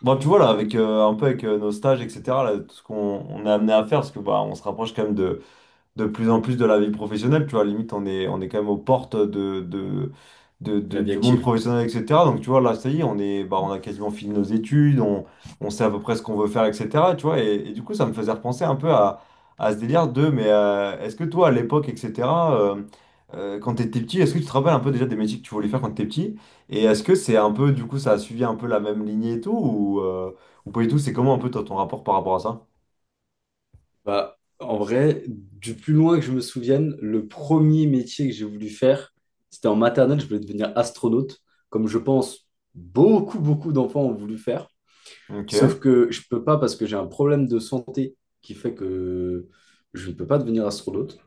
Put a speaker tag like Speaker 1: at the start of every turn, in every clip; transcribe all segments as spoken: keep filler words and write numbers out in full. Speaker 1: Bon, tu vois, là, avec, euh, un peu avec euh, nos stages, et cetera, là, tout ce qu'on on est amené à faire, parce que bah, on se rapproche quand même de, de plus en plus de la vie professionnelle, tu vois, limite on est, on est quand même aux portes de, de, de-
Speaker 2: De
Speaker 1: de-
Speaker 2: la vie
Speaker 1: du monde
Speaker 2: active.
Speaker 1: professionnel, et cetera. Donc tu vois, là, ça y est, on est, bah, on a quasiment fini nos études, on, on sait à peu près ce qu'on veut faire, et cetera. Tu vois, et, et du coup, ça me faisait repenser un peu à, à ce délire de, mais euh, est-ce que toi, à l'époque, et cetera, euh, euh, quand t'étais petit, est-ce que tu te rappelles un peu déjà des métiers que tu voulais faire quand t'étais petit? Et est-ce que c'est un peu, du coup, ça a suivi un peu la même lignée et tout, ou, euh, ou pas du tout, c'est comment un peu toi, ton rapport par rapport à ça?
Speaker 2: Bah, en vrai, du plus loin que je me souvienne, le premier métier que j'ai voulu faire, c'était en maternelle, je voulais devenir astronaute, comme je pense beaucoup, beaucoup d'enfants ont voulu faire.
Speaker 1: Ok,
Speaker 2: Sauf que je peux pas parce que j'ai un problème de santé qui fait que je ne peux pas devenir astronaute.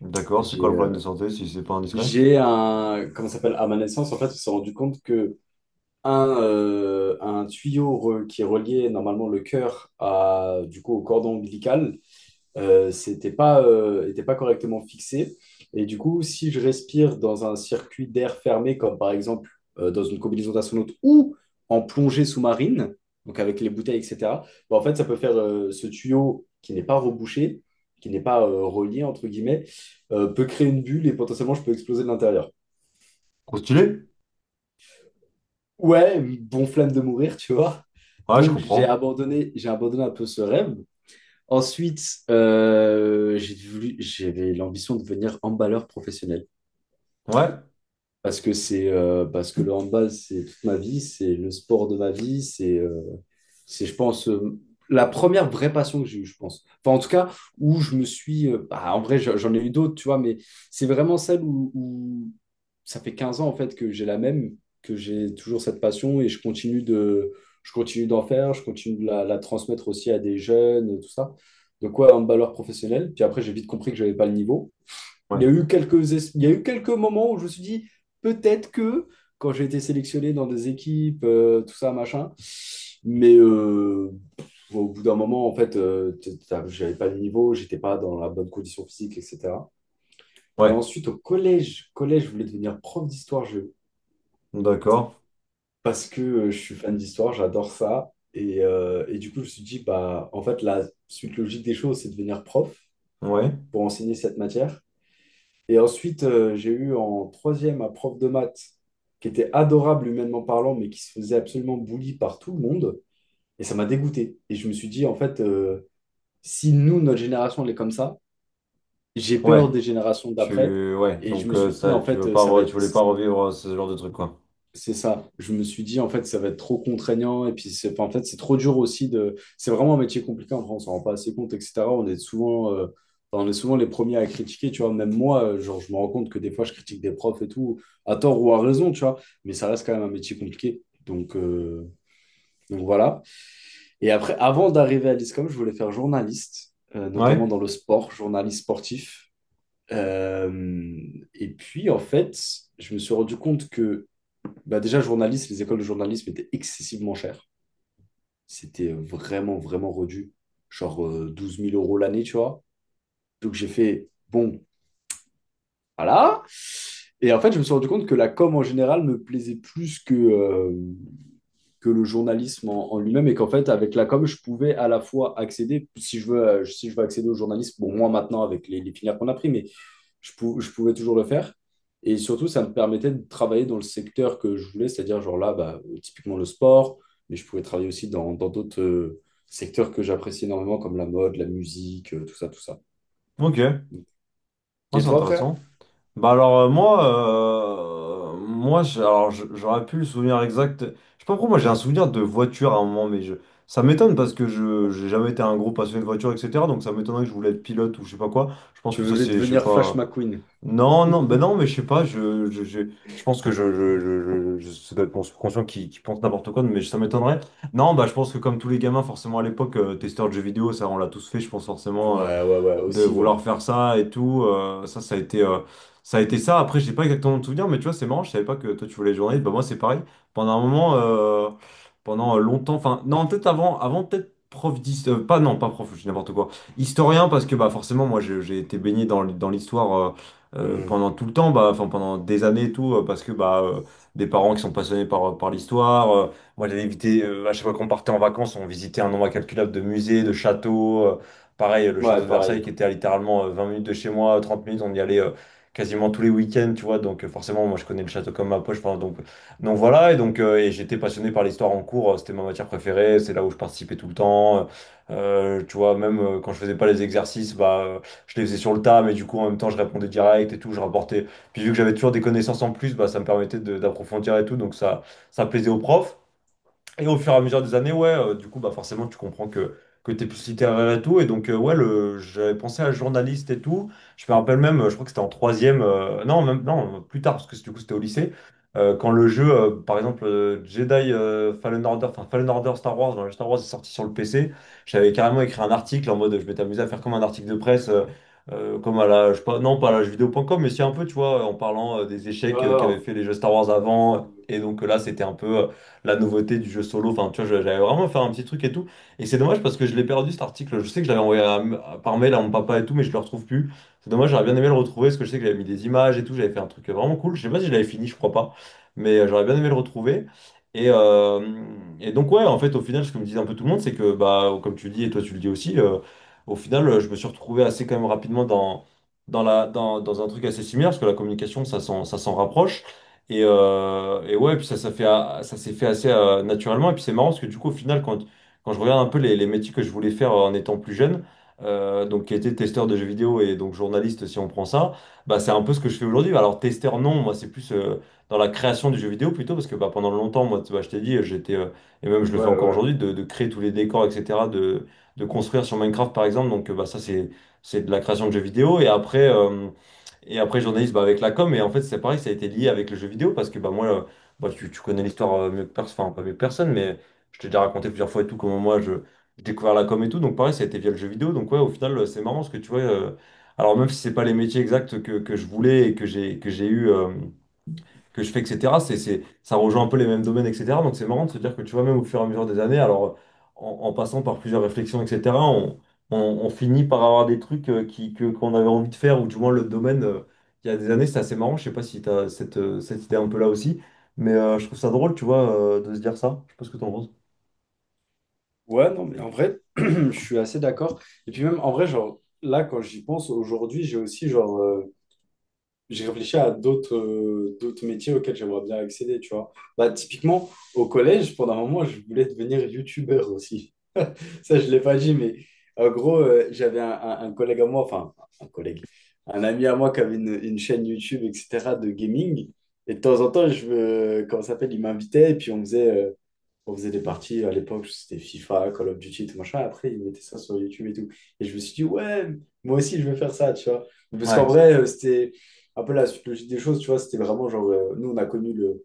Speaker 1: d'accord, c'est
Speaker 2: J'ai
Speaker 1: quoi le
Speaker 2: euh,
Speaker 1: problème de santé si c'est pas indiscret?
Speaker 2: j'ai un, comment ça s'appelle, à ma naissance, en fait, on s'est rendu compte que un, euh, un tuyau re- qui reliait normalement le cœur à, du coup, au cordon ombilical euh, c'était pas, euh, était pas correctement fixé. Et du coup, si je respire dans un circuit d'air fermé, comme par exemple euh, dans une combinaison d'astronaute ou en plongée sous-marine, donc avec les bouteilles, et cætera, bah, en fait, ça peut faire euh, ce tuyau qui n'est pas rebouché, qui n'est pas euh, relié, entre guillemets, euh, peut créer une bulle et potentiellement je peux exploser de l'intérieur.
Speaker 1: Trop stylé?
Speaker 2: Ouais, bon flamme de mourir, tu vois.
Speaker 1: Ouais, je
Speaker 2: Donc j'ai
Speaker 1: comprends.
Speaker 2: abandonné, j'ai abandonné un peu ce rêve. Ensuite, euh, j'ai voulu, j'avais l'ambition de devenir emballeur professionnel.
Speaker 1: Ouais,
Speaker 2: Parce que c'est euh, parce que le handball, c'est toute ma vie, c'est le sport de ma vie, c'est euh, c'est je pense euh, la première vraie passion que j'ai eue, je pense. Enfin, en tout cas, où je me suis euh, bah, en vrai, j'en j'en ai eu d'autres, tu vois, mais c'est vraiment celle où, où ça fait quinze ans en fait que j'ai la même, que j'ai toujours cette passion et je continue de je continue d'en faire, je continue de la, la transmettre aussi à des jeunes, tout ça. Donc ouais, handballeur professionnel. Puis après, j'ai vite compris que j'avais pas le niveau. Il
Speaker 1: ouais,
Speaker 2: y a eu quelques, es- il y a eu quelques moments où je me suis dit, peut-être que, quand j'ai été sélectionné dans des équipes, euh, tout ça, machin, mais euh, bon, au bout d'un moment, en fait, euh, t- t'as- j'avais pas le niveau, j'étais pas dans la bonne condition physique, et cætera. Euh,
Speaker 1: ouais.
Speaker 2: ensuite, au collège, collège, je voulais devenir prof d'histoire-géo
Speaker 1: D'accord.
Speaker 2: parce que euh, je suis fan d'histoire, j'adore ça. Et, euh, et du coup, je me suis dit, bah, en fait, la suite logique des choses, c'est de devenir prof
Speaker 1: Ouais,
Speaker 2: pour enseigner cette matière. Et ensuite, euh, j'ai eu en troisième un prof de maths qui était adorable humainement parlant, mais qui se faisait absolument bully par tout le monde. Et ça m'a dégoûté. Et je me suis dit, en fait, euh, si nous, notre génération, elle est comme ça, j'ai peur
Speaker 1: ouais.
Speaker 2: des générations d'après.
Speaker 1: Tu, ouais.
Speaker 2: Et je
Speaker 1: Donc
Speaker 2: me
Speaker 1: euh,
Speaker 2: suis dit,
Speaker 1: ça,
Speaker 2: en
Speaker 1: tu
Speaker 2: fait,
Speaker 1: veux
Speaker 2: euh,
Speaker 1: pas,
Speaker 2: ça va
Speaker 1: re- tu
Speaker 2: être,
Speaker 1: voulais pas revivre euh, ce genre de truc, quoi.
Speaker 2: C'est ça. Je me suis dit, en fait, ça va être trop contraignant. Et puis, c'est, enfin, en fait, c'est trop dur aussi de. C'est vraiment un métier compliqué en France. On ne rend pas assez compte, et cætera. On est souvent, euh, enfin, on est souvent les premiers à critiquer, tu vois. Même moi, euh, genre, je me rends compte que des fois, je critique des profs et tout, à tort ou à raison, tu vois. Mais ça reste quand même un métier compliqué. Donc, euh, donc voilà. Et après, avant d'arriver à l'ISCOM, je voulais faire journaliste, euh, notamment
Speaker 1: Ouais.
Speaker 2: dans le sport, journaliste sportif. Euh, et puis, en fait, je me suis rendu compte que bah déjà, journaliste, les écoles de journalisme étaient excessivement chères. C'était euh, vraiment, vraiment redu. Genre euh, douze mille euros l'année, tu vois. Donc j'ai fait, bon, voilà. Et en fait, je me suis rendu compte que la com en général me plaisait plus que, euh, que le journalisme en, en lui-même. Et qu'en fait, avec la com, je pouvais à la fois accéder, si je veux, euh, si je veux accéder au journalisme, bon, moi maintenant, avec les, les filières qu'on a pris, mais je, pou- je pouvais toujours le faire. Et surtout, ça me permettait de travailler dans le secteur que je voulais, c'est-à-dire, genre là, bah, typiquement le sport, mais je pouvais travailler aussi dans, dans d'autres euh, secteurs que j'apprécie énormément, comme la mode, la musique, euh, tout ça, tout ça.
Speaker 1: Ok. Moi,
Speaker 2: Et
Speaker 1: c'est
Speaker 2: toi, frère,
Speaker 1: intéressant. Bah alors euh, moi, euh, moi je- alors, je- j'aurais pu le souvenir exact. Je sais pas pourquoi moi j'ai un souvenir de voiture à un moment, mais je, ça m'étonne parce que je j'ai jamais été un gros passionné de voiture, et cetera. Donc ça m'étonnerait que je voulais être pilote ou je sais pas quoi. Je pense
Speaker 2: tu
Speaker 1: que ça
Speaker 2: voulais
Speaker 1: c'est, je sais
Speaker 2: devenir Flash
Speaker 1: pas.
Speaker 2: McQueen?
Speaker 1: Non, non, ben non, mais je sais pas. Je, je, je, je pense que je, je, je, je, je- ça doit être mon subconscient qui, qui pense n'importe quoi, mais ça m'étonnerait. Non, bah je pense que comme tous les gamins, forcément à l'époque, euh, testeur de jeux vidéo, ça on l'a tous fait. Je pense forcément, euh,
Speaker 2: Ouais, ouais, ouais,
Speaker 1: de
Speaker 2: aussi, ouais.
Speaker 1: vouloir faire ça et tout. euh, ça, ça a été, euh, ça a été ça. Après, j'ai pas exactement de souvenir, mais tu vois, c'est marrant. Je savais pas que toi, tu voulais être journaliste. Bah, moi, c'est pareil. Pendant un moment, euh, pendant euh, longtemps, enfin, non, peut-être avant, avant peut-être prof d'histoire, pas, non, pas prof, je dis n'importe quoi. Historien, parce que, bah, forcément, moi, j'ai j'ai été baigné dans, l- dans l'histoire euh, euh,
Speaker 2: Hmm.
Speaker 1: pendant tout le temps, bah, enfin, pendant des années et tout, euh, parce que, bah, euh, des parents qui sont passionnés par, par l'histoire. Euh, moi, j'allais éviter, euh, à chaque fois qu'on partait en vacances, on visitait un nombre incalculable de musées, de châteaux. euh, Pareil, le
Speaker 2: Ouais,
Speaker 1: château de Versailles qui
Speaker 2: pareil.
Speaker 1: était à littéralement euh, vingt minutes de chez moi, trente minutes, on y allait euh, quasiment tous les week-ends, tu vois. Donc euh, forcément, moi je connais le château comme ma poche. Enfin, donc, euh, donc voilà, et donc euh, et j'étais passionné par l'histoire en cours, euh, c'était ma matière préférée, c'est là où je participais tout le temps. Euh, euh, tu vois, même euh, quand je faisais pas les exercices, bah, euh, je les faisais sur le tas, mais du coup en même temps je répondais direct et tout, je rapportais. Puis vu que j'avais toujours des connaissances en plus, bah, ça me permettait de- d'approfondir et tout, donc ça, ça plaisait aux profs. Et au fur et à mesure des années, ouais, euh, du coup, bah forcément, tu comprends que, que t'es plus littéraire et tout. Et donc, euh, ouais, le, j'avais pensé à journaliste et tout. Je me rappelle même, euh, je crois que c'était en troisième, euh, non, même, non, plus tard, parce que du coup, c'était au lycée. euh, quand le jeu, euh, par exemple, euh, Jedi euh, Fallen Order, enfin Fallen Order Star Wars, dans le Star Wars est sorti sur le P C, j'avais carrément écrit un article en mode, je m'étais amusé à faire comme un article de presse, euh, euh, comme à la, je sais pas, non, pas à la jeuxvideo point com, mais si un peu, tu vois, en parlant euh, des
Speaker 2: Ouais,
Speaker 1: échecs euh, qu'avaient
Speaker 2: ouais,
Speaker 1: fait les jeux Star Wars avant. Et donc euh, là, c'était un peu euh, la nouveauté du jeu solo. Enfin, tu vois, j'avais vraiment fait un petit truc et tout. Et c'est dommage parce que je l'ai perdu cet article. Je sais que je l'avais envoyé à- à- par mail à mon papa et tout, mais je le retrouve plus. C'est dommage, j'aurais bien aimé le retrouver parce que je sais que j'avais mis des images et tout. J'avais fait un truc vraiment cool. Je sais pas si je l'avais fini, je crois pas. Mais euh, j'aurais bien aimé le retrouver. Et, euh, et donc, ouais, en fait, au final, ce que me disait un peu tout le monde, c'est que, bah, comme tu le dis et toi, tu le dis aussi, euh, au final, euh, je me suis retrouvé assez quand même rapidement dans dans la, dans, dans un truc assez similaire, parce que la communication, ça s'en, ça s'en rapproche. Et, euh, et ouais, puis ça, ça fait, a- ça s'est fait assez euh, naturellement. Et puis c'est marrant parce que du coup, au final, quand, quand je regarde un peu les, les métiers que je voulais faire euh, en étant plus jeune, euh, donc qui était testeur de jeux vidéo et donc journaliste, si on prend ça, bah c'est un peu ce que je fais aujourd'hui. Alors testeur, non, moi c'est plus euh, dans la création du jeu vidéo plutôt parce que bah, pendant longtemps, moi, tu- bah, je t'ai dit, j'étais, euh, et même je le fais
Speaker 2: ouais,
Speaker 1: encore
Speaker 2: ouais.
Speaker 1: aujourd'hui, de, de créer tous les décors, et cetera, de, de construire sur Minecraft par exemple. Donc euh, bah, ça, c'est, c'est de la création de jeux vidéo. Et après. euh, et après, journaliste, bah, avec la com, et en fait, c'est pareil, ça a été lié avec le jeu vidéo, parce que bah, moi, euh, bah, tu, tu connais l'histoire euh, mieux que personne, enfin, pas mieux que personne, mais je t'ai déjà raconté plusieurs fois et tout, comment moi, je, j'ai découvert la com et tout, donc pareil, ça a été via le jeu vidéo, donc ouais, au final, euh, c'est marrant, parce que tu vois, euh, alors même si c'est pas les métiers exacts que, que je voulais et que j'ai que j'ai eu euh, que je fais, et cetera. C'est, c'est, ça rejoint un peu les mêmes domaines, et cetera. Donc c'est marrant de se dire que tu vois, même au fur et à mesure des années, alors en, en passant par plusieurs réflexions, et cetera, on, on, on finit par avoir des trucs euh, qui, que, qu'on avait envie de faire, ou du moins le domaine, euh, il y a des années, c'était assez marrant. Je sais pas si tu as cette, euh, cette idée un peu là aussi, mais euh, je trouve ça drôle, tu vois, euh, de se dire ça. Je sais pas ce que t'en penses.
Speaker 2: Ouais, non, mais en vrai, je suis assez d'accord. Et puis même, en vrai, genre, là, quand j'y pense, aujourd'hui, j'ai aussi, genre, euh, j'ai réfléchi à d'autres euh, d'autres métiers auxquels j'aimerais bien accéder, tu vois. Bah, typiquement, au collège, pendant un moment, je voulais devenir youtubeur aussi. Ça, je ne l'ai pas dit, mais en gros, euh, j'avais un, un- un collègue à moi, enfin, un collègue, un ami à moi qui avait une, une chaîne YouTube, et cætera, de gaming. Et de temps en temps, je, me- comment ça s'appelle, il m'invitait et puis on faisait, euh, on faisait des parties à l'époque, c'était FIFA, Call of Duty, tout machin. Après, ils mettaient ça sur YouTube et tout. Et je me suis dit, ouais, moi aussi, je vais faire ça, tu vois. Parce qu'en
Speaker 1: Ouais,
Speaker 2: vrai, euh, c'était un peu la suite logique des choses, tu vois. C'était vraiment genre, euh, nous, on a connu le,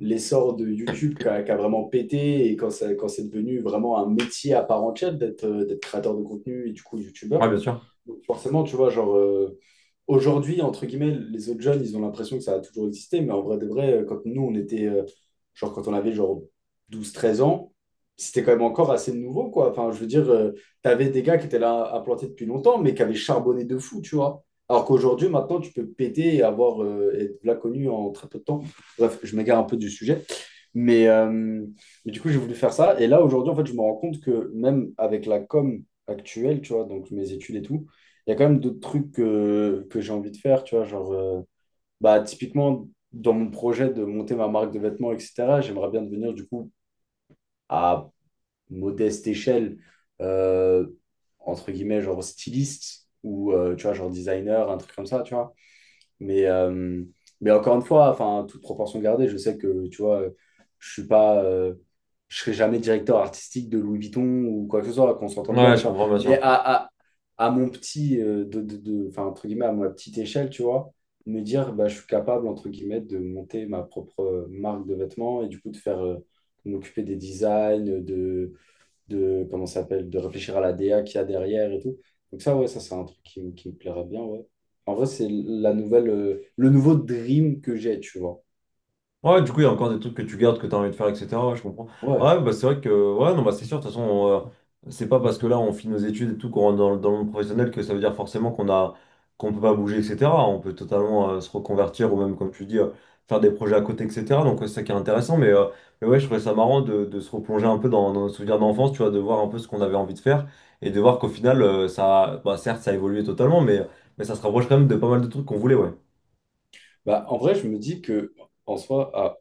Speaker 2: l'essor de YouTube qui a, qui a vraiment pété et quand, ça, quand c'est devenu vraiment un métier à part entière d'être euh, d'être créateur de contenu et du coup,
Speaker 1: ouais,
Speaker 2: YouTubeur.
Speaker 1: bien sûr.
Speaker 2: Donc, forcément, tu vois, genre, euh, aujourd'hui, entre guillemets, les autres jeunes, ils ont l'impression que ça a toujours existé, mais en vrai de vrai, euh, quand nous, on était, euh, genre, quand on avait genre douze, treize ans, c'était quand même encore assez nouveau, quoi. Enfin, je veux dire, euh, t'avais des gars qui étaient là à planter depuis longtemps, mais qui avaient charbonné de fou, tu vois. Alors qu'aujourd'hui, maintenant, tu peux péter et avoir, euh, être là connu en très peu de temps. Bref, je m'égare un peu du sujet. Mais, euh, mais du coup, j'ai voulu faire ça. Et là, aujourd'hui, en fait, je me rends compte que même avec la com actuelle, tu vois, donc mes études et tout, il y a quand même d'autres trucs que, que j'ai envie de faire, tu vois, genre, euh, bah, typiquement, dans mon projet de monter ma marque de vêtements, et cætera, j'aimerais bien devenir, du coup, à modeste échelle, euh, entre guillemets, genre styliste ou, euh, tu vois, genre designer, un truc comme ça, tu vois. Mais, euh, mais encore une fois, enfin, toute proportion gardée, je sais que, tu vois, je suis pas, euh, je serai jamais directeur artistique de Louis Vuitton ou quoi que ce soit, qu'on s'entende bien,
Speaker 1: Ouais,
Speaker 2: tu
Speaker 1: je
Speaker 2: vois.
Speaker 1: comprends, bien
Speaker 2: Mais
Speaker 1: sûr.
Speaker 2: à, à, à mon petit, euh, de, de, de- enfin, entre guillemets, à ma petite échelle, tu vois, me dire, bah, je suis capable, entre guillemets, de monter ma propre marque de vêtements et du coup, de faire, euh, m'occuper des designs, de de comment ça s'appelle, de réfléchir à la D A qu'il y a derrière et tout. Donc ça, ouais, ça c'est un truc qui, me- qui me plairait bien, ouais. En vrai, c'est la nouvelle, euh, le nouveau dream que j'ai, tu vois.
Speaker 1: Ouais, du coup, il y a encore des trucs que tu gardes, que tu as envie de faire, et cetera. Ouais, je comprends.
Speaker 2: Ouais.
Speaker 1: Ouais, bah, c'est vrai que, ouais, non, bah, c'est sûr, de toute façon, on, euh, c'est pas parce que là, on finit nos études et tout, qu'on rentre dans, le- dans le monde professionnel que ça veut dire forcément qu'on a, qu'on peut pas bouger, et cetera. On peut totalement euh, se reconvertir ou même, comme tu dis, euh, faire des projets à côté, et cetera. Donc, ouais, c'est ça qui est intéressant. Mais, euh, mais ouais, je trouvais ça marrant de, de se replonger un peu dans, dans nos souvenirs d'enfance, tu vois, de voir un peu ce qu'on avait envie de faire et de voir qu'au final, euh, ça, bah, certes, ça a évolué totalement, mais, mais ça se rapproche quand même de pas mal de trucs qu'on voulait, ouais.
Speaker 2: Bah, en vrai, je me dis que en soi,